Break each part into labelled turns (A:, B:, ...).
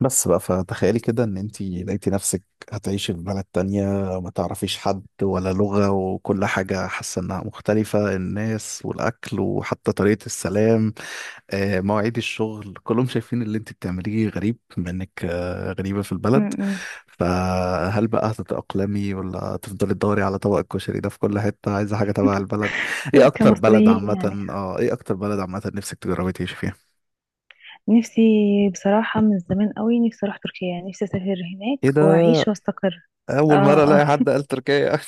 A: بس بقى فتخيلي كده ان انتي لقيتي نفسك هتعيشي في بلد تانية، ما تعرفيش حد ولا لغة وكل حاجة حاسة انها مختلفة، الناس والاكل وحتى طريقة السلام. مواعيد الشغل كلهم شايفين اللي انتي بتعمليه غريب، بما انك غريبة في
B: م-
A: البلد.
B: م.
A: فهل بقى هتتأقلمي ولا تفضلي تدوري على طبق الكشري ده في كل حتة، عايزة حاجة تبع البلد؟
B: كمصريين يعني،
A: ايه اكتر بلد عامة نفسك تجربي تعيشي فيها؟
B: نفسي. بصراحة من زمان قوي نفسي أروح تركيا، يعني نفسي أسافر هناك
A: ايه ده،
B: وأعيش وأستقر. آه
A: اول مره
B: آه.
A: الاقي حد قال تركيا.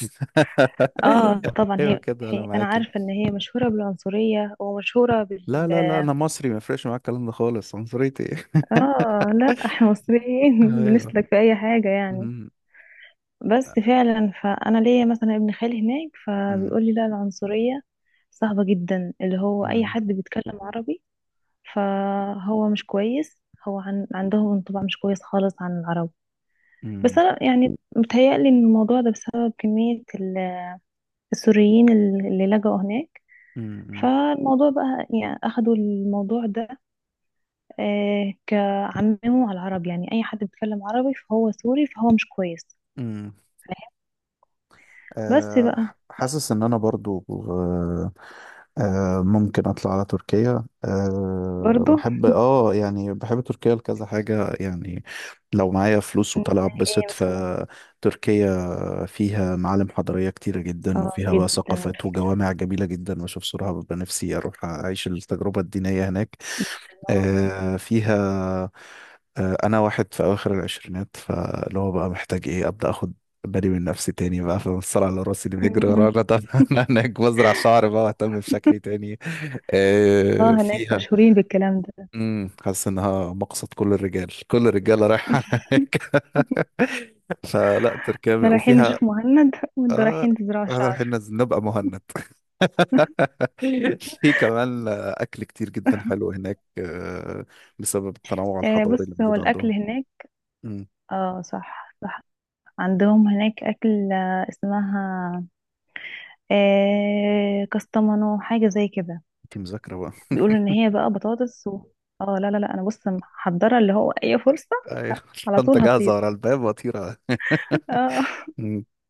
B: آه طبعا،
A: ايوه
B: هي,
A: كده انا
B: هي أنا
A: معاكي.
B: عارفة إن هي مشهورة بالعنصرية ومشهورة
A: لا
B: بال.
A: لا لا، انا مصري ما يفرقش معايا الكلام ده خالص، عنصريتي.
B: آه لا، إحنا مصريين
A: ايوه.
B: بنسلك في أي حاجة يعني.
A: أمم،
B: بس فعلا، فأنا ليا مثلا ابن خالي هناك،
A: أمم،
B: فبيقول لي لا، العنصرية صعبة جدا، اللي هو أي
A: أمم،
B: حد بيتكلم عربي فهو مش كويس. عندهم انطباع مش كويس خالص عن العرب. بس
A: أمم،
B: انا يعني متهيألي ان الموضوع ده بسبب كمية السوريين، اللي لجأوا هناك.
A: أمم،
B: فالموضوع بقى يعني اخدوا الموضوع ده، آه كعمموا على العرب، يعني اي حد بيتكلم عربي فهو سوري فهو مش كويس.
A: أمم.
B: فاهم. بس بقى.
A: حاسس ان انا برضو. ممكن اطلع على تركيا،
B: برضو.
A: بحب، بحب تركيا لكذا حاجة يعني. لو معايا فلوس وطالع
B: زي ايه
A: اتبسط،
B: مثلا؟
A: فتركيا فيها معالم حضارية كتيرة جدا،
B: اه
A: وفيها بقى
B: جدا على
A: ثقافات
B: فكرة،
A: وجوامع جميلة جدا، واشوف صورها ببقى نفسي اروح اعيش التجربة الدينية هناك.
B: جدا اه.
A: فيها. انا واحد في اواخر العشرينات، فاللي هو بقى محتاج ايه ابدا، اخد بالي من نفسي تاني بقى، في الصراع على راسي اللي بيجري
B: م- م.
A: ورانا. طب انا هناك بزرع شعر بقى واهتم بشكلي تاني.
B: اه هناك
A: فيها.
B: مشهورين بالكلام ده.
A: امم، حاسس انها مقصد كل الرجاله رايحه هناك.
B: احنا رايحين
A: وفيها،
B: نشوف مهند وانتوا
A: اه
B: رايحين تزرعوا شعر.
A: نبقى مهند. في كمان اكل كتير جدا حلو هناك، بسبب التنوع
B: آه
A: الحضاري اللي
B: بص، هو
A: موجود
B: الاكل
A: عندهم.
B: هناك.
A: امم.
B: اه صح صح. عندهم هناك اكل، آه، اسمها آه كستمانو، حاجه زي كده.
A: دي مذاكره بقى.
B: بيقولوا ان هي بقى بطاطس و... اه لا لا لا، انا بص محضره اللي هو اي فرصه. ه-
A: ايوه.
B: على
A: الشنطه
B: طول
A: جاهزه
B: هطير،
A: ورا الباب وطيره.
B: اه.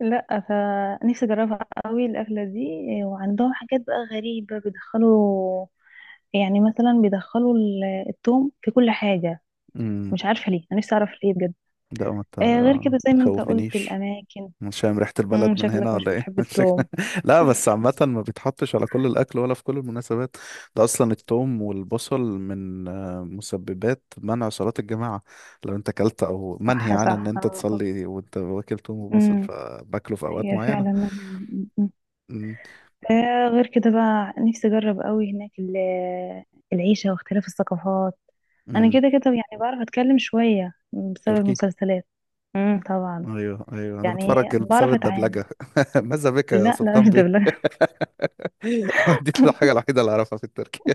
B: لا، فنفسي اجربها قوي الاكله دي. آه، وعندهم حاجات بقى غريبه بيدخلوا، يعني مثلا بيدخلوا التوم في كل حاجه.
A: امم.
B: مش عارفه ليه، انا نفسي اعرف ليه بجد.
A: لا،
B: آه غير
A: ما
B: كده، زي ما انت قلت
A: تخوفنيش.
B: الأماكن.
A: مش فاهم ريحة
B: مم،
A: البلد من
B: شكلك
A: هنا
B: مش
A: ولا ايه؟
B: بتحب التوم.
A: لا، بس عامة ما بيتحطش على كل الأكل ولا في كل المناسبات. ده أصلا الثوم والبصل من مسببات منع صلاة الجماعة. لو أنت أكلت أو منهي
B: صح
A: عن إن
B: صح،
A: أنت
B: آه، آه.
A: تصلي وأنت واكل ثوم وبصل،
B: مم.
A: فباكله في أوقات
B: هي
A: معينة.
B: فعلا مانعة. مم، مم.
A: امم.
B: آه غير كده بقى، نفسي أجرب قوي هناك العيشة واختلاف الثقافات. أنا
A: امم.
B: كده كده يعني بعرف أتكلم شوية بسبب
A: تركي.
B: المسلسلات. مم طبعا.
A: ايوه ايوه، انا
B: يعني
A: بتفرج بسبب
B: بعرف أتعامل.
A: الدبلجه. ماذا بك يا
B: لا لا،
A: سلطان
B: مش
A: بيه.
B: دبلجة.
A: دي الحاجه الوحيده اللي اعرفها في التركي.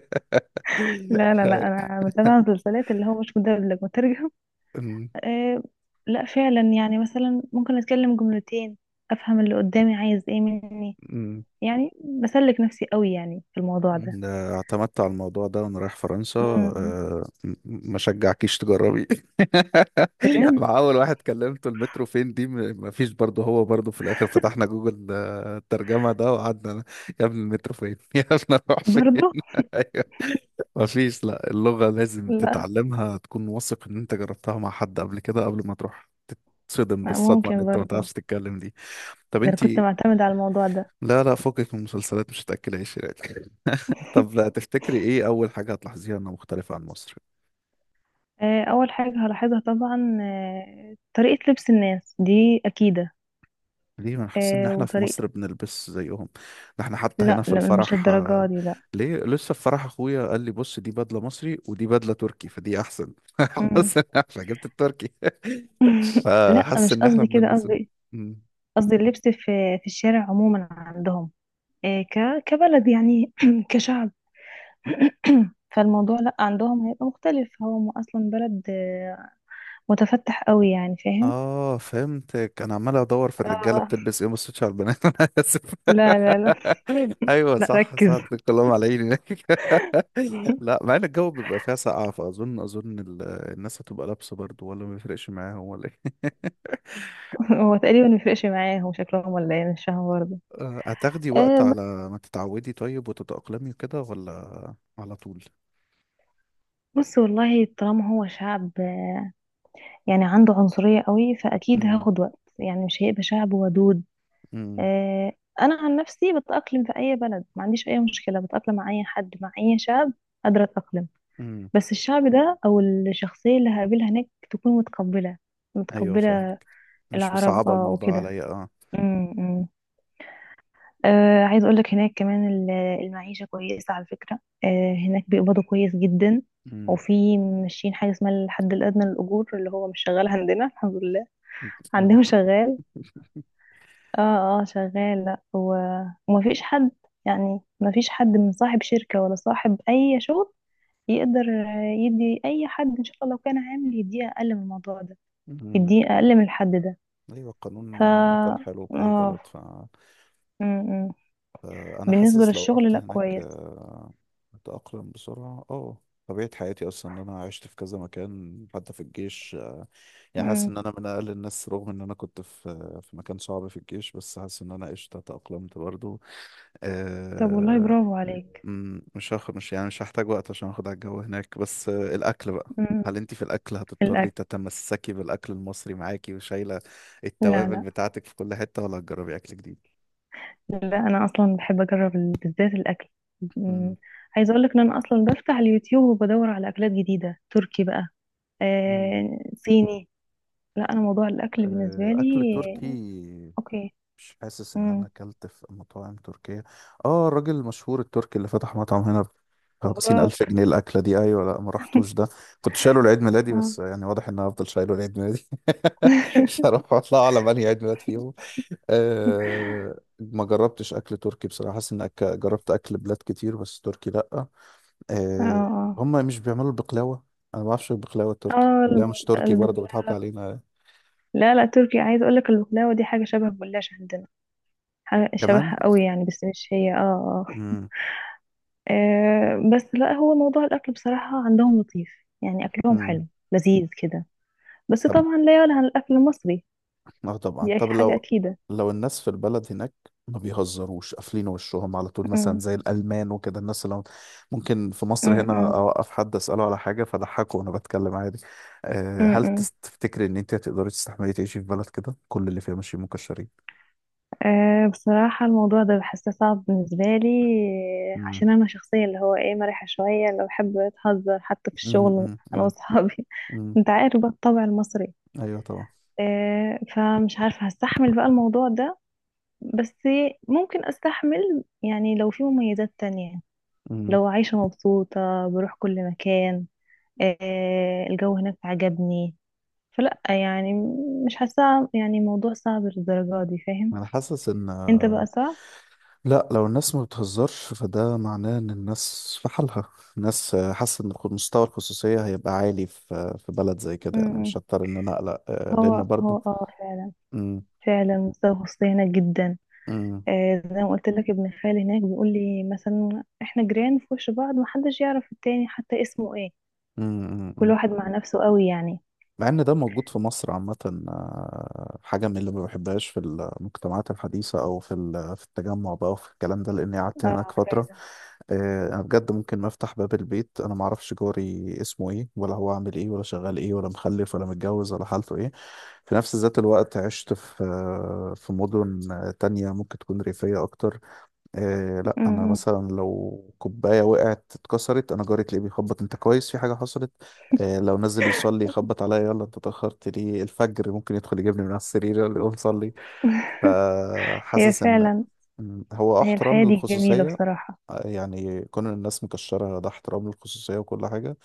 B: لا لا لا،
A: أيوة.
B: أنا متابعة مسلسلات اللي هو مش مدبلج، مترجم.
A: أمم،
B: آه. لا فعلا، يعني مثلا ممكن اتكلم جملتين، افهم اللي قدامي عايز ايه مني.
A: أمم.
B: يعني بسلك نفسي قوي يعني في الموضوع ده.
A: ده اعتمدت على الموضوع ده وانا رايح فرنسا،
B: امم،
A: ما شجعكيش تجربي.
B: بجد.
A: مع اول واحد كلمته، المترو فين دي، ما فيش برضه. هو برضه في الاخر فتحنا جوجل، الترجمه ده، وقعدنا يا ابني المترو فين، يا ابني اروح فين.
B: برضه.
A: ما فيش، لا، اللغة لازم
B: لا،
A: تتعلمها، تكون واثق ان انت جربتها مع حد قبل كده قبل ما تروح، تتصدم
B: لا،
A: بالصدمة ان
B: ممكن
A: انت ما
B: برضه.
A: تعرفش تتكلم دي. طب
B: ده انا
A: انت،
B: كنت معتمدة على الموضوع ده.
A: لا لا، فوقك من المسلسلات مش هتأكلهاش يعني. طب، لا تفتكري ايه اول حاجة هتلاحظيها انها مختلفة عن مصر؟
B: آه، اول حاجة هلاحظها طبعا، آه، طريقة لبس الناس، دي اكيدة.
A: ليه، ما انا حاسس ان
B: آه،
A: احنا في
B: وطريقة.
A: مصر بنلبس زيهم. ده احنا حتى هنا
B: لا
A: في
B: لا، مش
A: الفرح،
B: للدرجة دي، لا.
A: ليه لسه في فرح اخويا قال لي بص، دي بدلة مصري ودي بدلة تركي فدي احسن.
B: مم.
A: حاسس ان احنا جبت التركي،
B: لا،
A: فحاسس
B: مش
A: ان احنا
B: قصدي كده.
A: بنلبسهم.
B: قصدي، قصدي اللبس في الشارع عموما عندهم، آه، كبلد يعني، كشعب. فالموضوع لا، عندهم هيبقى مختلف. هو اصلا بلد، آه، متفتح قوي يعني، فاهم.
A: اه فهمتك، انا عمال ادور في الرجاله
B: آه.
A: بتلبس ايه، ما بصيتش على البنات. انا اسف.
B: لا لا لا.
A: ايوه
B: لا
A: صح صح،
B: ركز.
A: الكلام على عيني. لا، مع ان الجو بيبقى فيها سقعه، فاظن الناس هتبقى لابسه برضو، ولا ما بيفرقش معاهم ولا ايه؟
B: هو تقريبا ما يفرقش معاهم شكلهم ولا ايه، مش فاهمه برضه.
A: هتاخدي وقت
B: آه،
A: على ما تتعودي طيب وتتأقلمي كده، ولا على طول؟
B: بص والله، طالما هو شعب، آه، يعني عنده عنصرية قوي، فاكيد
A: امم.
B: هاخد وقت، يعني مش هيبقى شعب ودود.
A: امم.
B: آه، انا عن نفسي بتأقلم في اي بلد، ما عنديش اي مشكلة، بتأقلم مع اي حد، مع اي شعب. قادرة أتأقلم.
A: امم.
B: بس الشعب ده او الشخصيه اللي هقابلها هناك تكون متقبله،
A: ايوه
B: متقبله.
A: فاهمك. مش
B: العرب
A: مصعبه
B: اه
A: الموضوع
B: وكده.
A: عليا اه.
B: امم. آه عايز اقول لك هناك كمان المعيشه كويسه على فكره، آه هناك بيقبضوا كويس جدا. وفي ماشيين حاجه اسمها الحد الادنى للاجور، اللي هو مش شغال عندنا الحمد لله.
A: امم.
B: عندهم شغال. اه اه شغال. لا ومفيش حد، يعني مفيش حد من صاحب شركه ولا صاحب اي شغل يقدر، آه، يدي اي حد، ان شاء الله لو كان عامل، يديه اقل من الموضوع ده،
A: مم.
B: يديه اقل من الحد ده.
A: ايوه،
B: ف
A: القانون عامة حلو بأي
B: اه
A: بلد.
B: م- م.
A: فأنا
B: بالنسبة
A: حاسس لو
B: للشغل
A: رحت
B: لا
A: هناك،
B: كويس.
A: أتأقلم بسرعة اه. طبيعة حياتي أصلا إن أنا عشت في كذا مكان حتى في الجيش، يعني حاسس
B: م.
A: إن أنا من أقل الناس، رغم إن أنا كنت في مكان صعب في الجيش، بس حاسس إن أنا قشطة تأقلمت برضو.
B: طب والله،
A: آه،
B: برافو عليك.
A: مش هاخد مش يعني مش هحتاج وقت عشان اخد على الجو هناك، بس الاكل بقى.
B: م.
A: هل انت في الاكل هتضطري
B: الاكل.
A: تتمسكي بالاكل المصري معاكي وشايله
B: لا
A: التوابل
B: لا
A: بتاعتك في كل حته، ولا هتجربي اكل جديد؟
B: لا، انا اصلا بحب اجرب بالذات الاكل. م.
A: مم.
B: عايزة اقولك ان انا اصلا بفتح اليوتيوب وبدور على اكلات جديدة، تركي بقى،
A: مم.
B: آه صيني. لا انا موضوع الاكل بالنسبة
A: اكل
B: لي.
A: تركي.
B: اوكي.
A: مش حاسس ان
B: م.
A: انا اكلت في مطاعم تركية. اه، الراجل المشهور التركي اللي فتح مطعم هنا بخمسين الف
B: براك.
A: جنيه الاكلة دي، ايوه، لا ما رحتوش ده. كنت شايله لعيد ميلادي، بس
B: آه.
A: يعني واضح ان انا هفضل شايله لعيد ميلادي. مش هروح اطلع على انهي عيد ميلاد فيهم. أه، ما جربتش اكل تركي بصراحه. حاسس ان جربت اكل بلاد كتير بس تركي لا.
B: اه
A: أه.
B: اه.
A: هم مش بيعملوا البقلاوه. انا ما بعرفش البقلاوه التركي
B: آه،
A: ولا مش تركي، برضه
B: البقلاوة.
A: بيضحكوا علينا
B: لا لا، تركي. عايز اقول لك البقلاوه دي حاجه شبه الجلاش عندنا، حاجه
A: كمان.
B: شبهها قوي يعني، بس مش هي، اه. اه آه، بس لا، هو موضوع الاكل بصراحه عندهم لطيف، يعني اكلهم
A: امم.
B: حلو لذيذ كده. بس
A: طب
B: طبعا لا يعلى عن الاكل المصري،
A: اه طبعا.
B: دي
A: طب
B: حاجه
A: لو
B: اكيده.
A: لو الناس في البلد هناك ما بيهزروش، قافلين وشهم على طول مثلا
B: أمم،
A: زي الألمان وكده، ممكن في مصر هنا
B: أمم،
A: أوقف حد أسأله على حاجة فضحكه وأنا بتكلم عادي. أه،
B: أمم،
A: هل
B: أمم.
A: تفتكري إن أنت هتقدري تستحملي تعيشي في بلد كده كل اللي فيها ماشيين مكشرين؟
B: أه بصراحة الموضوع ده بحسه صعب بالنسبة لي. آه،
A: امم.
B: عشان أنا شخصية اللي هو إيه، مرحة شوية، اللي بحب أتهزر حتى في
A: امم.
B: الشغل، أنا
A: امم.
B: وأصحابي.
A: امم.
B: أنت عارف بقى الطبع المصري.
A: أيوه طبعا.
B: آه، فمش عارفة هستحمل بقى الموضوع ده. بس ممكن استحمل، يعني لو في مميزات تانية،
A: امم.
B: لو عايشة مبسوطة، بروح كل مكان. آه، الجو هناك عجبني. فلا يعني، مش حاسة يعني موضوع صعب للدرجة دي، فاهم.
A: أنا حاسس إن،
B: انت بقى صعب.
A: لا، لو الناس ما بتهزرش فده معناه ان الناس في حالها. الناس، حاسه ان مستوى الخصوصيه هيبقى عالي في بلد زي
B: م-
A: كده، يعني
B: م.
A: مش هضطر ان انا اقلق، لان
B: هو هو
A: برضه.
B: اه فعلا.
A: امم.
B: فعلا مستوى الخصوصية هناك جدا.
A: امم.
B: آه، زي ما قلت لك ابن خالي هناك بيقول لي مثلا احنا جيران في وش بعض، محدش يعرف التاني حتى اسمه ايه.
A: إمم، إمم،
B: كل
A: إمم.
B: واحد مع نفسه قوي يعني.
A: مع ان ده موجود في مصر عامة. حاجة من اللي ما بحبهاش في المجتمعات الحديثة، او في التجمع بقى وفي الكلام ده، لاني قعدت هناك
B: اه
A: فترة.
B: فعلا.
A: انا بجد ممكن ما افتح باب البيت، انا ما اعرفش جاري اسمه ايه ولا هو عامل ايه ولا شغال ايه ولا مخلف ولا متجوز ولا حالته ايه. في نفس ذات الوقت عشت في مدن تانية ممكن تكون ريفية اكتر. إيه، لا
B: م-
A: انا
B: م.
A: مثلا لو كوبايه وقعت اتكسرت، انا جاري تلاقيه بيخبط، انت كويس؟ في حاجه حصلت؟ إيه، لو نزل يصلي يخبط عليا، يلا انت اتاخرت ليه الفجر، ممكن يدخل يجيبني من على السرير يلا قوم صلي.
B: هي
A: فحاسس ان
B: فعلا.
A: هو
B: هي
A: احترام
B: الحياة دي جميلة
A: للخصوصيه.
B: بصراحة.
A: يعني كون الناس مكشره، ده احترام للخصوصيه وكل حاجه.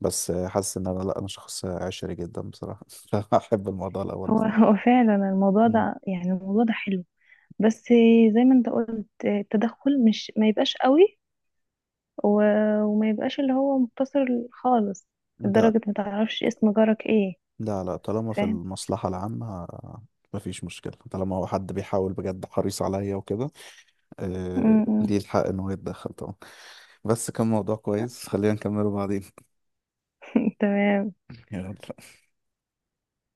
A: بس حاسس ان انا، لا، انا شخص عشري جدا بصراحه. فاحب الموضوع الاول
B: هو
A: بصراحه.
B: هو فعلا الموضوع
A: مم.
B: ده، يعني الموضوع ده حلو. بس زي ما انت قلت، التدخل مش ما يبقاش قوي، وما يبقاش اللي هو مقتصر خالص
A: ده
B: لدرجة ما تعرفش اسم جارك ايه.
A: لا لا، طالما في
B: فاهم.
A: المصلحة العامة مفيش مشكلة، طالما هو حد بيحاول بجد حريص عليا وكده، آه
B: م- م.
A: ليه الحق إنه يتدخل طبعا. بس كان موضوع كويس، خلينا نكمله بعدين.
B: تمام.
A: يلا.